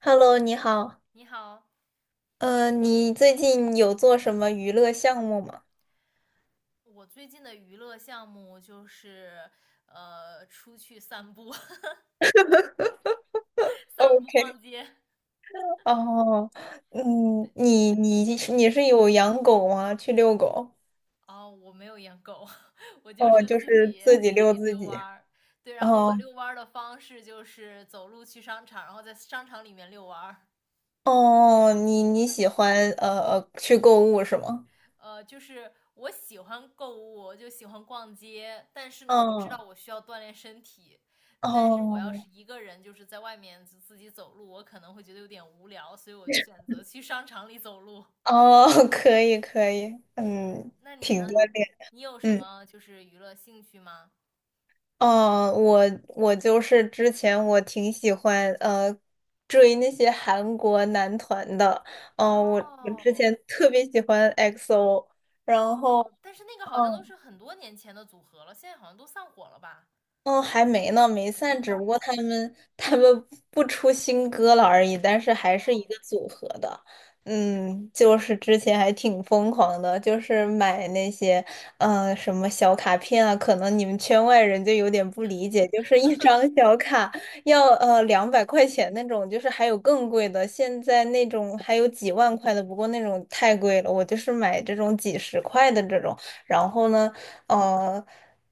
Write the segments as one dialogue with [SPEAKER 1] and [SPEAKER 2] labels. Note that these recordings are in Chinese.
[SPEAKER 1] Hello，你好。
[SPEAKER 2] 你好，
[SPEAKER 1] 你最近有做什么娱乐项目吗
[SPEAKER 2] 我最近的娱乐项目就是出去散步、散步、
[SPEAKER 1] ？OK，
[SPEAKER 2] 逛街。
[SPEAKER 1] 哦，
[SPEAKER 2] 对，
[SPEAKER 1] 嗯，你是有养狗吗？去遛狗？
[SPEAKER 2] 哦，我没有养狗，我就
[SPEAKER 1] 哦，
[SPEAKER 2] 是
[SPEAKER 1] 就
[SPEAKER 2] 自
[SPEAKER 1] 是
[SPEAKER 2] 己
[SPEAKER 1] 自己
[SPEAKER 2] 自
[SPEAKER 1] 遛
[SPEAKER 2] 己
[SPEAKER 1] 自
[SPEAKER 2] 遛弯
[SPEAKER 1] 己。
[SPEAKER 2] 儿。对，然后我
[SPEAKER 1] 哦
[SPEAKER 2] 遛弯儿的方式就是走路去商场，然后在商场里面遛弯儿。
[SPEAKER 1] 哦，你喜欢去购物是吗？
[SPEAKER 2] 就是我喜欢购物，就喜欢逛街，但是呢，我知道
[SPEAKER 1] 嗯，
[SPEAKER 2] 我需要锻炼身体，但是我要
[SPEAKER 1] 哦
[SPEAKER 2] 是一个人，就是在外面就自己走路，我可能会觉得有点无聊，所以我就选择去商场里走路。
[SPEAKER 1] 哦，可以可以，嗯，
[SPEAKER 2] 那你
[SPEAKER 1] 挺
[SPEAKER 2] 呢？
[SPEAKER 1] 锻炼。
[SPEAKER 2] 你有什
[SPEAKER 1] 嗯。
[SPEAKER 2] 么就是娱乐兴趣吗？
[SPEAKER 1] 嗯，我就是之前我挺喜欢追那些韩国男团的，嗯、我之
[SPEAKER 2] 哦
[SPEAKER 1] 前特别喜欢 EXO，然后。
[SPEAKER 2] 哦，但是那个好像都
[SPEAKER 1] 嗯。
[SPEAKER 2] 是很多年前的组合了，现在好像都散伙了吧？
[SPEAKER 1] 哦，还没呢，没
[SPEAKER 2] 没
[SPEAKER 1] 散，只
[SPEAKER 2] 散
[SPEAKER 1] 不过
[SPEAKER 2] 伙。
[SPEAKER 1] 他们不出新歌了而已，但是还是一
[SPEAKER 2] 哦，
[SPEAKER 1] 个组合的。嗯，就是之前还挺疯狂的，就是买那些什么小卡片啊，可能你们圈外人就有点不理解，就是一张小卡要200块钱那种，就是还有更贵的，现在那种还有几万块的，不过那种太贵了，我就是买这种几十块的这种。然后呢，呃，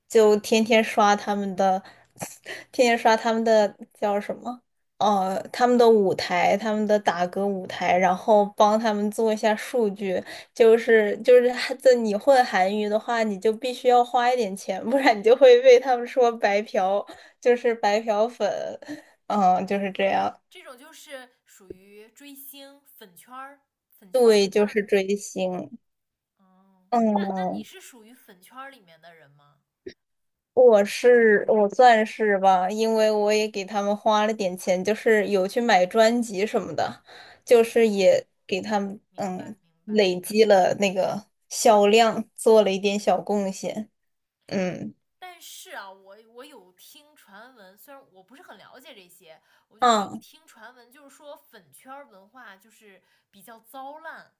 [SPEAKER 1] 就天天刷他们的，天天刷他们的叫什么？他们的舞台，他们的打歌舞台，然后帮他们做一下数据。就是还，在你混韩娱的话，你就必须要花一点钱，不然你就会被他们说白嫖，就是白嫖粉。嗯，就是这样。
[SPEAKER 2] 这种就是属于追星粉圈儿、粉圈儿文
[SPEAKER 1] 对，就
[SPEAKER 2] 化。
[SPEAKER 1] 是追星。
[SPEAKER 2] 哦，那你
[SPEAKER 1] 嗯。
[SPEAKER 2] 是属于粉圈儿里面的人吗？
[SPEAKER 1] 我算是吧，因为我也给他们花了点钱，就是有去买专辑什么的，就是也给他们
[SPEAKER 2] 明白明白。
[SPEAKER 1] 累积了那个销量，做了一点小贡献。嗯，
[SPEAKER 2] 但是啊，我有听传闻，虽然我不是很了解这些，我就是有
[SPEAKER 1] 啊，
[SPEAKER 2] 听传闻，就是说粉圈儿文化就是比较糟烂，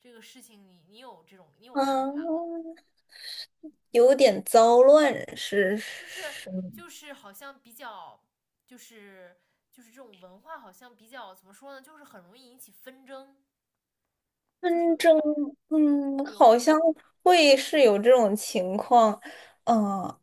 [SPEAKER 2] 这个事情你有这种你有看法吗？
[SPEAKER 1] 嗯，有点糟乱是
[SPEAKER 2] 就是
[SPEAKER 1] 什么？
[SPEAKER 2] 就是好像比较就是就是这种文化好像比较怎么说呢，就是很容易引起纷争，就是
[SPEAKER 1] 纷争，嗯，
[SPEAKER 2] 有
[SPEAKER 1] 好
[SPEAKER 2] 有
[SPEAKER 1] 像会是有这种情况，嗯、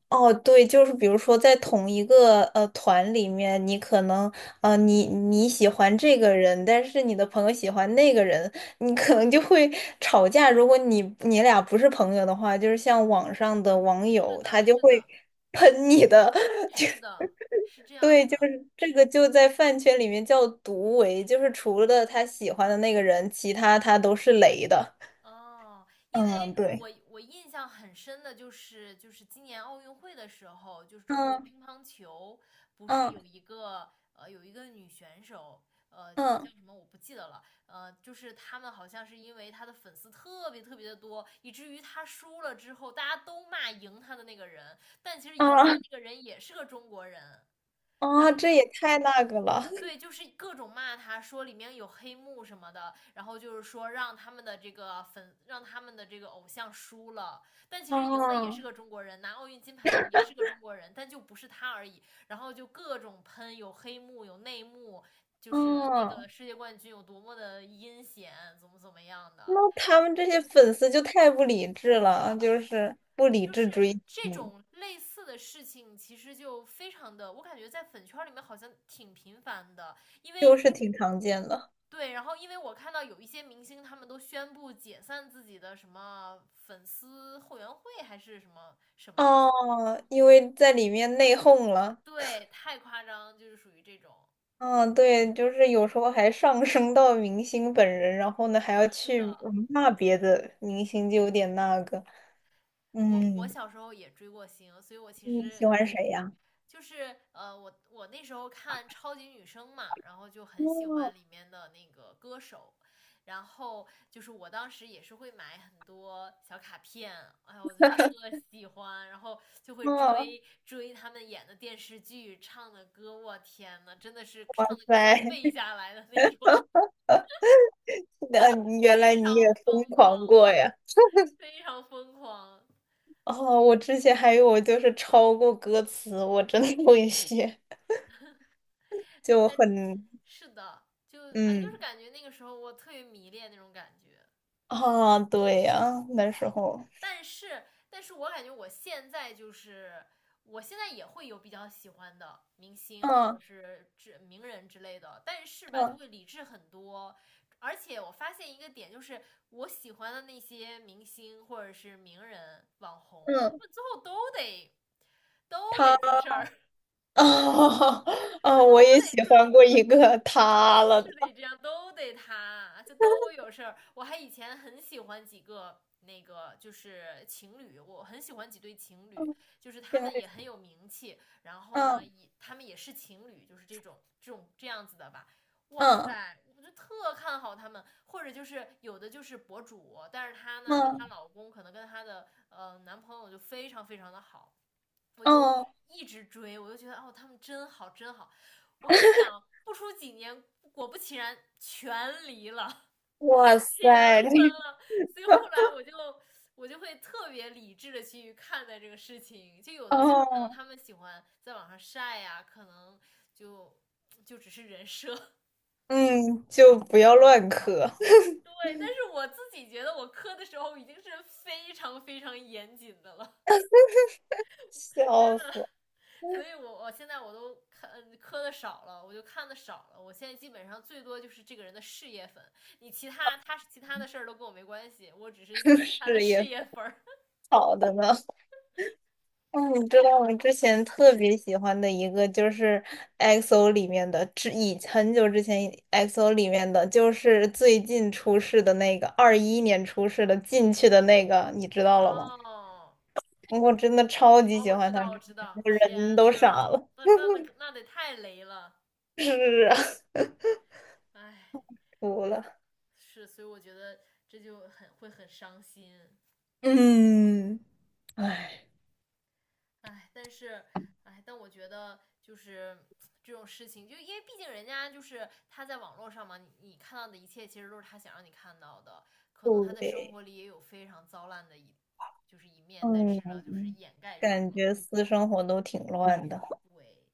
[SPEAKER 1] 哦，对，就是比如说在同一个团里面，你可能你喜欢这个人，但是你的朋友喜欢那个人，你可能就会吵架。如果你俩不是朋友的话，就是像网上的网
[SPEAKER 2] 是
[SPEAKER 1] 友，他
[SPEAKER 2] 的，
[SPEAKER 1] 就
[SPEAKER 2] 是
[SPEAKER 1] 会
[SPEAKER 2] 的，
[SPEAKER 1] 喷你的，就
[SPEAKER 2] 是的，是这样
[SPEAKER 1] 对，
[SPEAKER 2] 子。
[SPEAKER 1] 就是这个就在饭圈里面叫毒唯，就是除了他喜欢的那个人，其他他都是雷的。
[SPEAKER 2] 哦，因为
[SPEAKER 1] 嗯，对，
[SPEAKER 2] 我印象很深的就是，就是今年奥运会的时候，就是中国
[SPEAKER 1] 嗯
[SPEAKER 2] 乒乓球不是
[SPEAKER 1] 嗯
[SPEAKER 2] 有一个有一个女选手，就是叫
[SPEAKER 1] 嗯
[SPEAKER 2] 什么我不记得了，就是他们好像是因为她的粉丝特别的多，以至于她输了之后，大家都骂赢她的那个人，但其实赢她
[SPEAKER 1] 啊
[SPEAKER 2] 那个人也是个中国人。
[SPEAKER 1] 啊，这也太那个了
[SPEAKER 2] 对，就是各种骂他，说里面有黑幕什么的，然后就是说让他们的这个粉，让他们的这个偶像输了，但其 实赢的也是
[SPEAKER 1] 啊
[SPEAKER 2] 个中国人，拿奥运金牌的也是个中国人，但就不是他而已。然后就各种喷，有黑幕，有内幕，就是那个
[SPEAKER 1] 啊！
[SPEAKER 2] 世界冠军有多么的阴险，怎么样的。
[SPEAKER 1] 那他们这些粉丝就太不理智了，就是不理
[SPEAKER 2] 就
[SPEAKER 1] 智
[SPEAKER 2] 是
[SPEAKER 1] 追
[SPEAKER 2] 这
[SPEAKER 1] 星，
[SPEAKER 2] 种类似的事情，其实就非常的，我感觉在粉圈里面好像挺频繁的，因为
[SPEAKER 1] 就是挺常见的
[SPEAKER 2] 对，然后因为我看到有一些明星，他们都宣布解散自己的什么粉丝后援会还是什么什么的，
[SPEAKER 1] 哦 因为在里面内讧了。
[SPEAKER 2] 对，太夸张，就是属于这种。
[SPEAKER 1] 嗯，对，就是有时候还上升到明星本人，然后呢还要
[SPEAKER 2] 是
[SPEAKER 1] 去
[SPEAKER 2] 的，
[SPEAKER 1] 骂别的明星，就有点那个。
[SPEAKER 2] 我
[SPEAKER 1] 嗯，
[SPEAKER 2] 小时候也追过星，所以我其
[SPEAKER 1] 你喜
[SPEAKER 2] 实
[SPEAKER 1] 欢谁呀？
[SPEAKER 2] 就是我那时候看超级女声嘛，然后就很喜欢
[SPEAKER 1] 哦
[SPEAKER 2] 里面的那个歌手，然后就是我当时也是会买很多小卡片，哎呀，我就特喜欢，然后就会
[SPEAKER 1] 哦，
[SPEAKER 2] 追他们演的电视剧、唱的歌，我天呐，真的是
[SPEAKER 1] 拜
[SPEAKER 2] 唱的歌都要背
[SPEAKER 1] 拜。
[SPEAKER 2] 下来的那种，
[SPEAKER 1] 那你原来
[SPEAKER 2] 非
[SPEAKER 1] 你
[SPEAKER 2] 常
[SPEAKER 1] 也疯
[SPEAKER 2] 疯狂，
[SPEAKER 1] 狂过呀？
[SPEAKER 2] 非常疯狂。
[SPEAKER 1] 哦，我之前还有就是抄过歌词，我真的会写，就很
[SPEAKER 2] 是的，就哎，就
[SPEAKER 1] 嗯
[SPEAKER 2] 是感觉那个时候我特别迷恋那种感觉。
[SPEAKER 1] 啊，对呀，那时候，
[SPEAKER 2] 但是，但是我感觉我现在就是，我现在也会有比较喜欢的明星或者
[SPEAKER 1] 嗯
[SPEAKER 2] 是之名人之类的，但是吧，就
[SPEAKER 1] 嗯
[SPEAKER 2] 会理智很多。而且我发现一个点，就是我喜欢的那些明星或者是名人、网红，他
[SPEAKER 1] 嗯，
[SPEAKER 2] 们最后都得出
[SPEAKER 1] 他
[SPEAKER 2] 事儿，
[SPEAKER 1] 啊
[SPEAKER 2] 就
[SPEAKER 1] 啊，
[SPEAKER 2] 都
[SPEAKER 1] 我也
[SPEAKER 2] 得
[SPEAKER 1] 喜
[SPEAKER 2] 出
[SPEAKER 1] 欢过一个他
[SPEAKER 2] 都
[SPEAKER 1] 了，
[SPEAKER 2] 是得这样，都得他，就都有事儿。我还以前很喜欢几个那个就是情侣，我很喜欢几对情
[SPEAKER 1] 嗯，
[SPEAKER 2] 侣，就是他
[SPEAKER 1] 行
[SPEAKER 2] 们也很有名气，然后呢，
[SPEAKER 1] 嗯
[SPEAKER 2] 也他们也是情侣，就是这种这样子的吧。哇
[SPEAKER 1] 嗯
[SPEAKER 2] 塞，我就特看好他们，或者就是有的就是博主，但是她呢跟
[SPEAKER 1] 嗯
[SPEAKER 2] 她老公可能跟她的男朋友就非常的好，我就
[SPEAKER 1] 嗯，
[SPEAKER 2] 一直追，我就觉得哦，他们真好，真好。我跟你讲，不出几年，果不其然，全离了，
[SPEAKER 1] 哇
[SPEAKER 2] 全
[SPEAKER 1] 塞，
[SPEAKER 2] 分
[SPEAKER 1] 这
[SPEAKER 2] 了。所以后来我就会特别理智的去看待这个事情。就有的人可能
[SPEAKER 1] 哦
[SPEAKER 2] 他们喜欢在网上晒呀、可能就就只是人设。
[SPEAKER 1] 嗯，就不要乱磕，
[SPEAKER 2] 对，但是我自己觉得我磕的时候已经是非常严谨的了。真
[SPEAKER 1] 笑
[SPEAKER 2] 的。
[SPEAKER 1] 死，
[SPEAKER 2] 所以我现在我都看磕的少了，我就看的少了。我现在基本上最多就是这个人的事业粉，你其他他其他的事儿都跟我没关系，我只是 他
[SPEAKER 1] 是
[SPEAKER 2] 的事
[SPEAKER 1] 也
[SPEAKER 2] 业粉儿。
[SPEAKER 1] 好的呢。嗯，你知道我之前特别喜欢的一个就是 EXO 里面的，之以很久之前 EXO 里面的，就是最近出世的那个，21年出世的进去的那个，你知道了吗？
[SPEAKER 2] 哦，
[SPEAKER 1] 我真的超级
[SPEAKER 2] 哦，
[SPEAKER 1] 喜
[SPEAKER 2] 我
[SPEAKER 1] 欢
[SPEAKER 2] 知
[SPEAKER 1] 他，
[SPEAKER 2] 道，我知道，
[SPEAKER 1] 我
[SPEAKER 2] 天，
[SPEAKER 1] 人都傻了。
[SPEAKER 2] 那得太雷了，
[SPEAKER 1] 是啊，
[SPEAKER 2] 哎，
[SPEAKER 1] 服了。
[SPEAKER 2] 是，所以我觉得这就很会很伤心。
[SPEAKER 1] 嗯，唉，
[SPEAKER 2] 哎，但是，哎，但我觉得就是这种事情，就因为毕竟人家就是他在网络上嘛，你看到的一切其实都是他想让你看到的，可能他在生
[SPEAKER 1] 对，
[SPEAKER 2] 活里也有非常糟烂的就是一面，但
[SPEAKER 1] 嗯，
[SPEAKER 2] 是呢，就是掩盖住
[SPEAKER 1] 感
[SPEAKER 2] 了。
[SPEAKER 1] 觉私生活都挺乱的，
[SPEAKER 2] 对，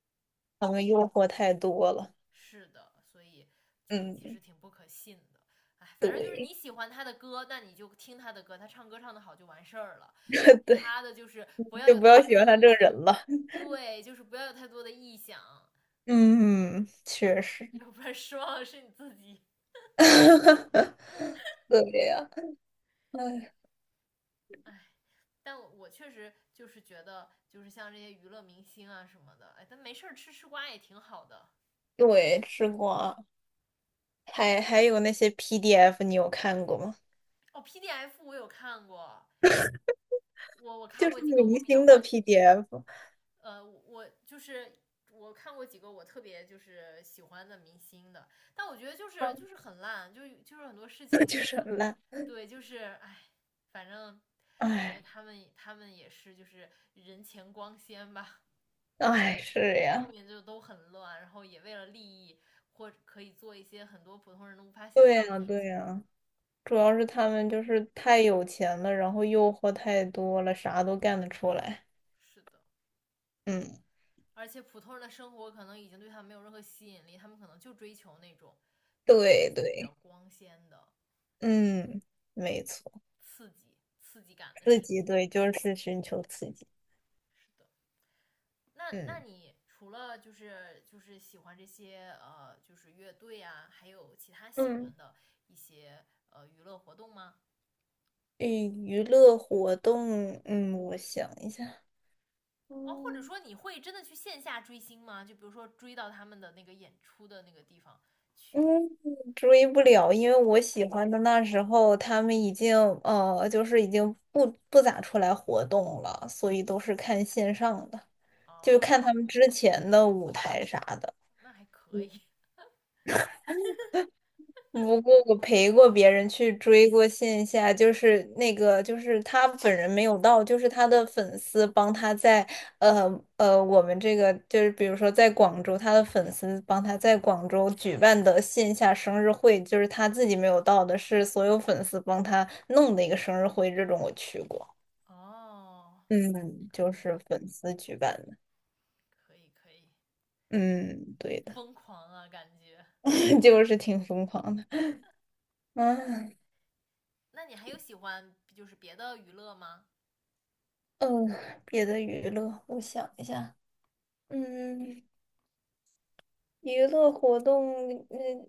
[SPEAKER 1] 他们诱惑太多了。
[SPEAKER 2] 是的，所以就其实
[SPEAKER 1] 嗯，
[SPEAKER 2] 挺不可信的。哎，反正就是
[SPEAKER 1] 对，
[SPEAKER 2] 你喜欢他的歌，那你就听他的歌，他唱歌唱得好就完事儿了。其
[SPEAKER 1] 对。
[SPEAKER 2] 他的就是不要
[SPEAKER 1] 就
[SPEAKER 2] 有
[SPEAKER 1] 不
[SPEAKER 2] 太
[SPEAKER 1] 要
[SPEAKER 2] 多
[SPEAKER 1] 喜
[SPEAKER 2] 的
[SPEAKER 1] 欢他
[SPEAKER 2] 臆
[SPEAKER 1] 这个
[SPEAKER 2] 想，
[SPEAKER 1] 人了。
[SPEAKER 2] 对，就是不要有太多的臆想。
[SPEAKER 1] 嗯，确实，
[SPEAKER 2] 要不然失望的是你自己。
[SPEAKER 1] 对呀，哎，
[SPEAKER 2] 哎，但我确实就是觉得，就是像这些娱乐明星啊什么的，哎，但没事儿吃吃瓜也挺好的。
[SPEAKER 1] 对，吃瓜，还有那些 PDF，你有看过吗？
[SPEAKER 2] 哦，PDF 我有看过，我看
[SPEAKER 1] 就是
[SPEAKER 2] 过几个我
[SPEAKER 1] 明
[SPEAKER 2] 比较
[SPEAKER 1] 星的
[SPEAKER 2] 关，
[SPEAKER 1] PDF，
[SPEAKER 2] 我就是我看过几个我特别就是喜欢的明星的，但我觉得就是 很烂，就是很多事情，
[SPEAKER 1] 就是很烂。
[SPEAKER 2] 对，就是哎，反正感觉
[SPEAKER 1] 哎，
[SPEAKER 2] 他们也是就是人前光鲜吧。
[SPEAKER 1] 哎，是
[SPEAKER 2] 后
[SPEAKER 1] 呀，
[SPEAKER 2] 面就都很乱，然后也为了利益或者可以做一些很多普通人都无法想
[SPEAKER 1] 对
[SPEAKER 2] 象的
[SPEAKER 1] 呀，
[SPEAKER 2] 事
[SPEAKER 1] 对
[SPEAKER 2] 情。
[SPEAKER 1] 呀，主要是他们就是太有钱了，然后诱惑太多了，啥都干得出来。
[SPEAKER 2] 是的，
[SPEAKER 1] 嗯，
[SPEAKER 2] 而且普通人的生活可能已经对他们没有任何吸引力，他们可能就追求那种就是
[SPEAKER 1] 对
[SPEAKER 2] 比较
[SPEAKER 1] 对，
[SPEAKER 2] 光鲜的
[SPEAKER 1] 嗯，没错，
[SPEAKER 2] 刺激、刺激感的
[SPEAKER 1] 刺
[SPEAKER 2] 事情。
[SPEAKER 1] 激，对，就是寻求刺激。
[SPEAKER 2] 是的，那
[SPEAKER 1] 嗯。
[SPEAKER 2] 你除了就是喜欢这些就是乐队啊，还有其他喜
[SPEAKER 1] 嗯，
[SPEAKER 2] 欢的一些娱乐活动吗？
[SPEAKER 1] 娱娱乐活动，嗯，我想一下，
[SPEAKER 2] 哦，或者
[SPEAKER 1] 嗯
[SPEAKER 2] 说你会真的去线下追星吗？就比如说追到他们的那个演出的那个地方
[SPEAKER 1] 嗯，
[SPEAKER 2] 去。
[SPEAKER 1] 追不了，因为我喜欢的那时候他们已经就是已经不咋出来活动了，所以都是看线上的，就
[SPEAKER 2] 哦，
[SPEAKER 1] 看
[SPEAKER 2] 那
[SPEAKER 1] 他们之前的舞台啥的。
[SPEAKER 2] 那还可以。
[SPEAKER 1] 不过我陪过别人去追过线下，就是那个，就是他本人没有到，就是他的粉丝帮他在，我们这个就是比如说在广州，他的粉丝帮他在广州举办的线下生日会，就是他自己没有到的，是所有粉丝帮他弄的一个生日会，这种我去过，
[SPEAKER 2] 哦，
[SPEAKER 1] 嗯，就
[SPEAKER 2] 可
[SPEAKER 1] 是
[SPEAKER 2] 以，
[SPEAKER 1] 粉丝举办的，
[SPEAKER 2] 可以，可以，
[SPEAKER 1] 嗯，对的，
[SPEAKER 2] 疯狂啊，感觉。
[SPEAKER 1] 就是挺疯狂的，嗯
[SPEAKER 2] 那你还有喜欢就是别的娱乐吗？
[SPEAKER 1] 嗯，别的娱乐，我想一下。嗯，娱乐活动，嗯，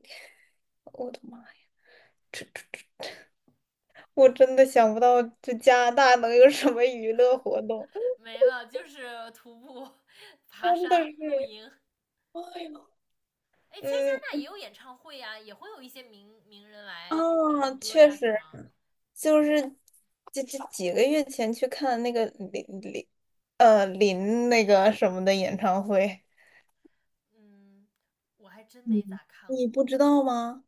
[SPEAKER 1] 我的妈呀，我真的想不到这加拿大能有什么娱乐活动，
[SPEAKER 2] 没了，就是徒步、爬
[SPEAKER 1] 真的
[SPEAKER 2] 山、露
[SPEAKER 1] 是，
[SPEAKER 2] 营。
[SPEAKER 1] 哎呦，
[SPEAKER 2] 哎，其实加
[SPEAKER 1] 嗯，
[SPEAKER 2] 拿大也有演唱会呀、也会有一些名人
[SPEAKER 1] 啊，
[SPEAKER 2] 来唱歌
[SPEAKER 1] 确
[SPEAKER 2] 呀，是
[SPEAKER 1] 实，
[SPEAKER 2] 吗？
[SPEAKER 1] 就是这几个月前去看那个林，林那个什么的演唱会，
[SPEAKER 2] 嗯，我还真没
[SPEAKER 1] 嗯，
[SPEAKER 2] 咋看
[SPEAKER 1] 你
[SPEAKER 2] 过。
[SPEAKER 1] 不知道吗？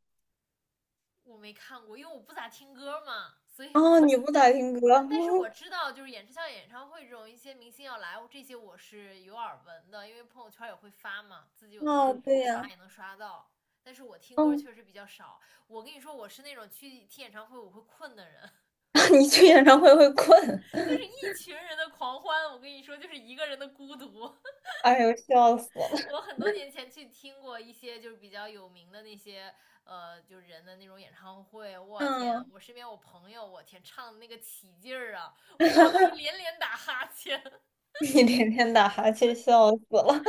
[SPEAKER 2] 我没看过，因为我不咋听歌嘛，所以
[SPEAKER 1] 啊，你不
[SPEAKER 2] 但
[SPEAKER 1] 咋听歌，
[SPEAKER 2] 但是我 知道，就是演唱会这种一些明星要来，这些我是有耳闻的，因为朋友圈也会发嘛，自己有的时候
[SPEAKER 1] 啊，对
[SPEAKER 2] 刷
[SPEAKER 1] 呀，
[SPEAKER 2] 也能刷到。但是我听歌
[SPEAKER 1] 嗯，
[SPEAKER 2] 确实比较少。我跟你说，我是那种去听演唱会我会困的人，
[SPEAKER 1] 你去演唱会会困，
[SPEAKER 2] 就 是一群人的狂欢，我跟你说就是一个人的孤独。
[SPEAKER 1] 哎呦，笑死了。
[SPEAKER 2] 我很多年前去听过一些就是比较有名的那些就是人的那种演唱会，我天啊！
[SPEAKER 1] 嗯，
[SPEAKER 2] 我身边我朋友，我天，唱的那个起劲儿啊，我都连 连打哈欠，
[SPEAKER 1] 你天天打哈欠，笑死了。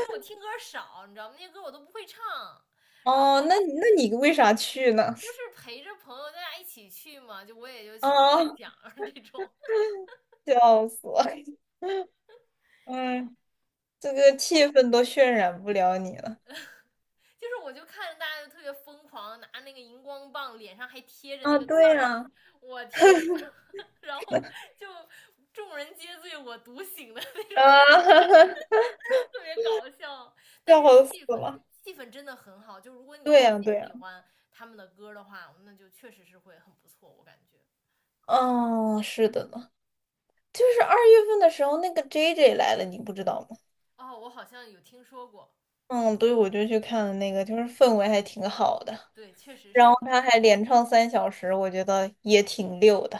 [SPEAKER 2] 因为我听歌少，你知道吗？那些歌我都不会唱，然后
[SPEAKER 1] 哦，那你为啥去呢？
[SPEAKER 2] 就是陪着朋友大家一起去嘛，就我也就去听个
[SPEAKER 1] 啊、
[SPEAKER 2] 响儿这种。
[SPEAKER 1] 笑死了。嗯，这个
[SPEAKER 2] 我
[SPEAKER 1] 气氛都渲染不了你了。
[SPEAKER 2] 就是我就看着大家就特别疯狂，拿那个荧光棒，脸上还贴着那
[SPEAKER 1] 啊，
[SPEAKER 2] 个字
[SPEAKER 1] 对
[SPEAKER 2] 儿，
[SPEAKER 1] 呀、
[SPEAKER 2] 我天呐，然后就众人皆醉我独醒的那
[SPEAKER 1] 啊，
[SPEAKER 2] 种感觉，特别搞笑，但是
[SPEAKER 1] 笑死
[SPEAKER 2] 气氛。
[SPEAKER 1] 了。
[SPEAKER 2] 气氛真的很好，就如果你
[SPEAKER 1] 对
[SPEAKER 2] 特
[SPEAKER 1] 呀、
[SPEAKER 2] 别
[SPEAKER 1] 对
[SPEAKER 2] 喜
[SPEAKER 1] 呀、
[SPEAKER 2] 欢他们的歌的话，那就确实是会很不错，我感觉。
[SPEAKER 1] 哦，是的呢，就是2月份的时候，那个 JJ 来了，你不知道吗？
[SPEAKER 2] 哦，我好像有听说过，
[SPEAKER 1] 嗯，对，我就去看了那个，就是氛围还挺好的，
[SPEAKER 2] 对，确实
[SPEAKER 1] 然后
[SPEAKER 2] 是，
[SPEAKER 1] 他还连唱3小时，我觉得也挺溜的。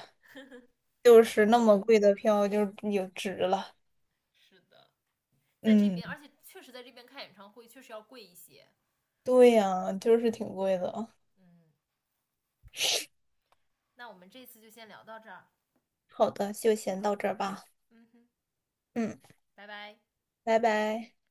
[SPEAKER 1] 就
[SPEAKER 2] 是
[SPEAKER 1] 是那
[SPEAKER 2] 的，
[SPEAKER 1] 么贵的票就有值了。
[SPEAKER 2] 是的，在这
[SPEAKER 1] 嗯，
[SPEAKER 2] 边，而且确实在这边看演唱会确实要贵一些。
[SPEAKER 1] 对呀，就是挺贵的。
[SPEAKER 2] 嗯，那我们这次就先聊到这儿。
[SPEAKER 1] 好的，就先到这儿吧。
[SPEAKER 2] 嗯哼，
[SPEAKER 1] 嗯，
[SPEAKER 2] 拜拜。
[SPEAKER 1] 拜拜。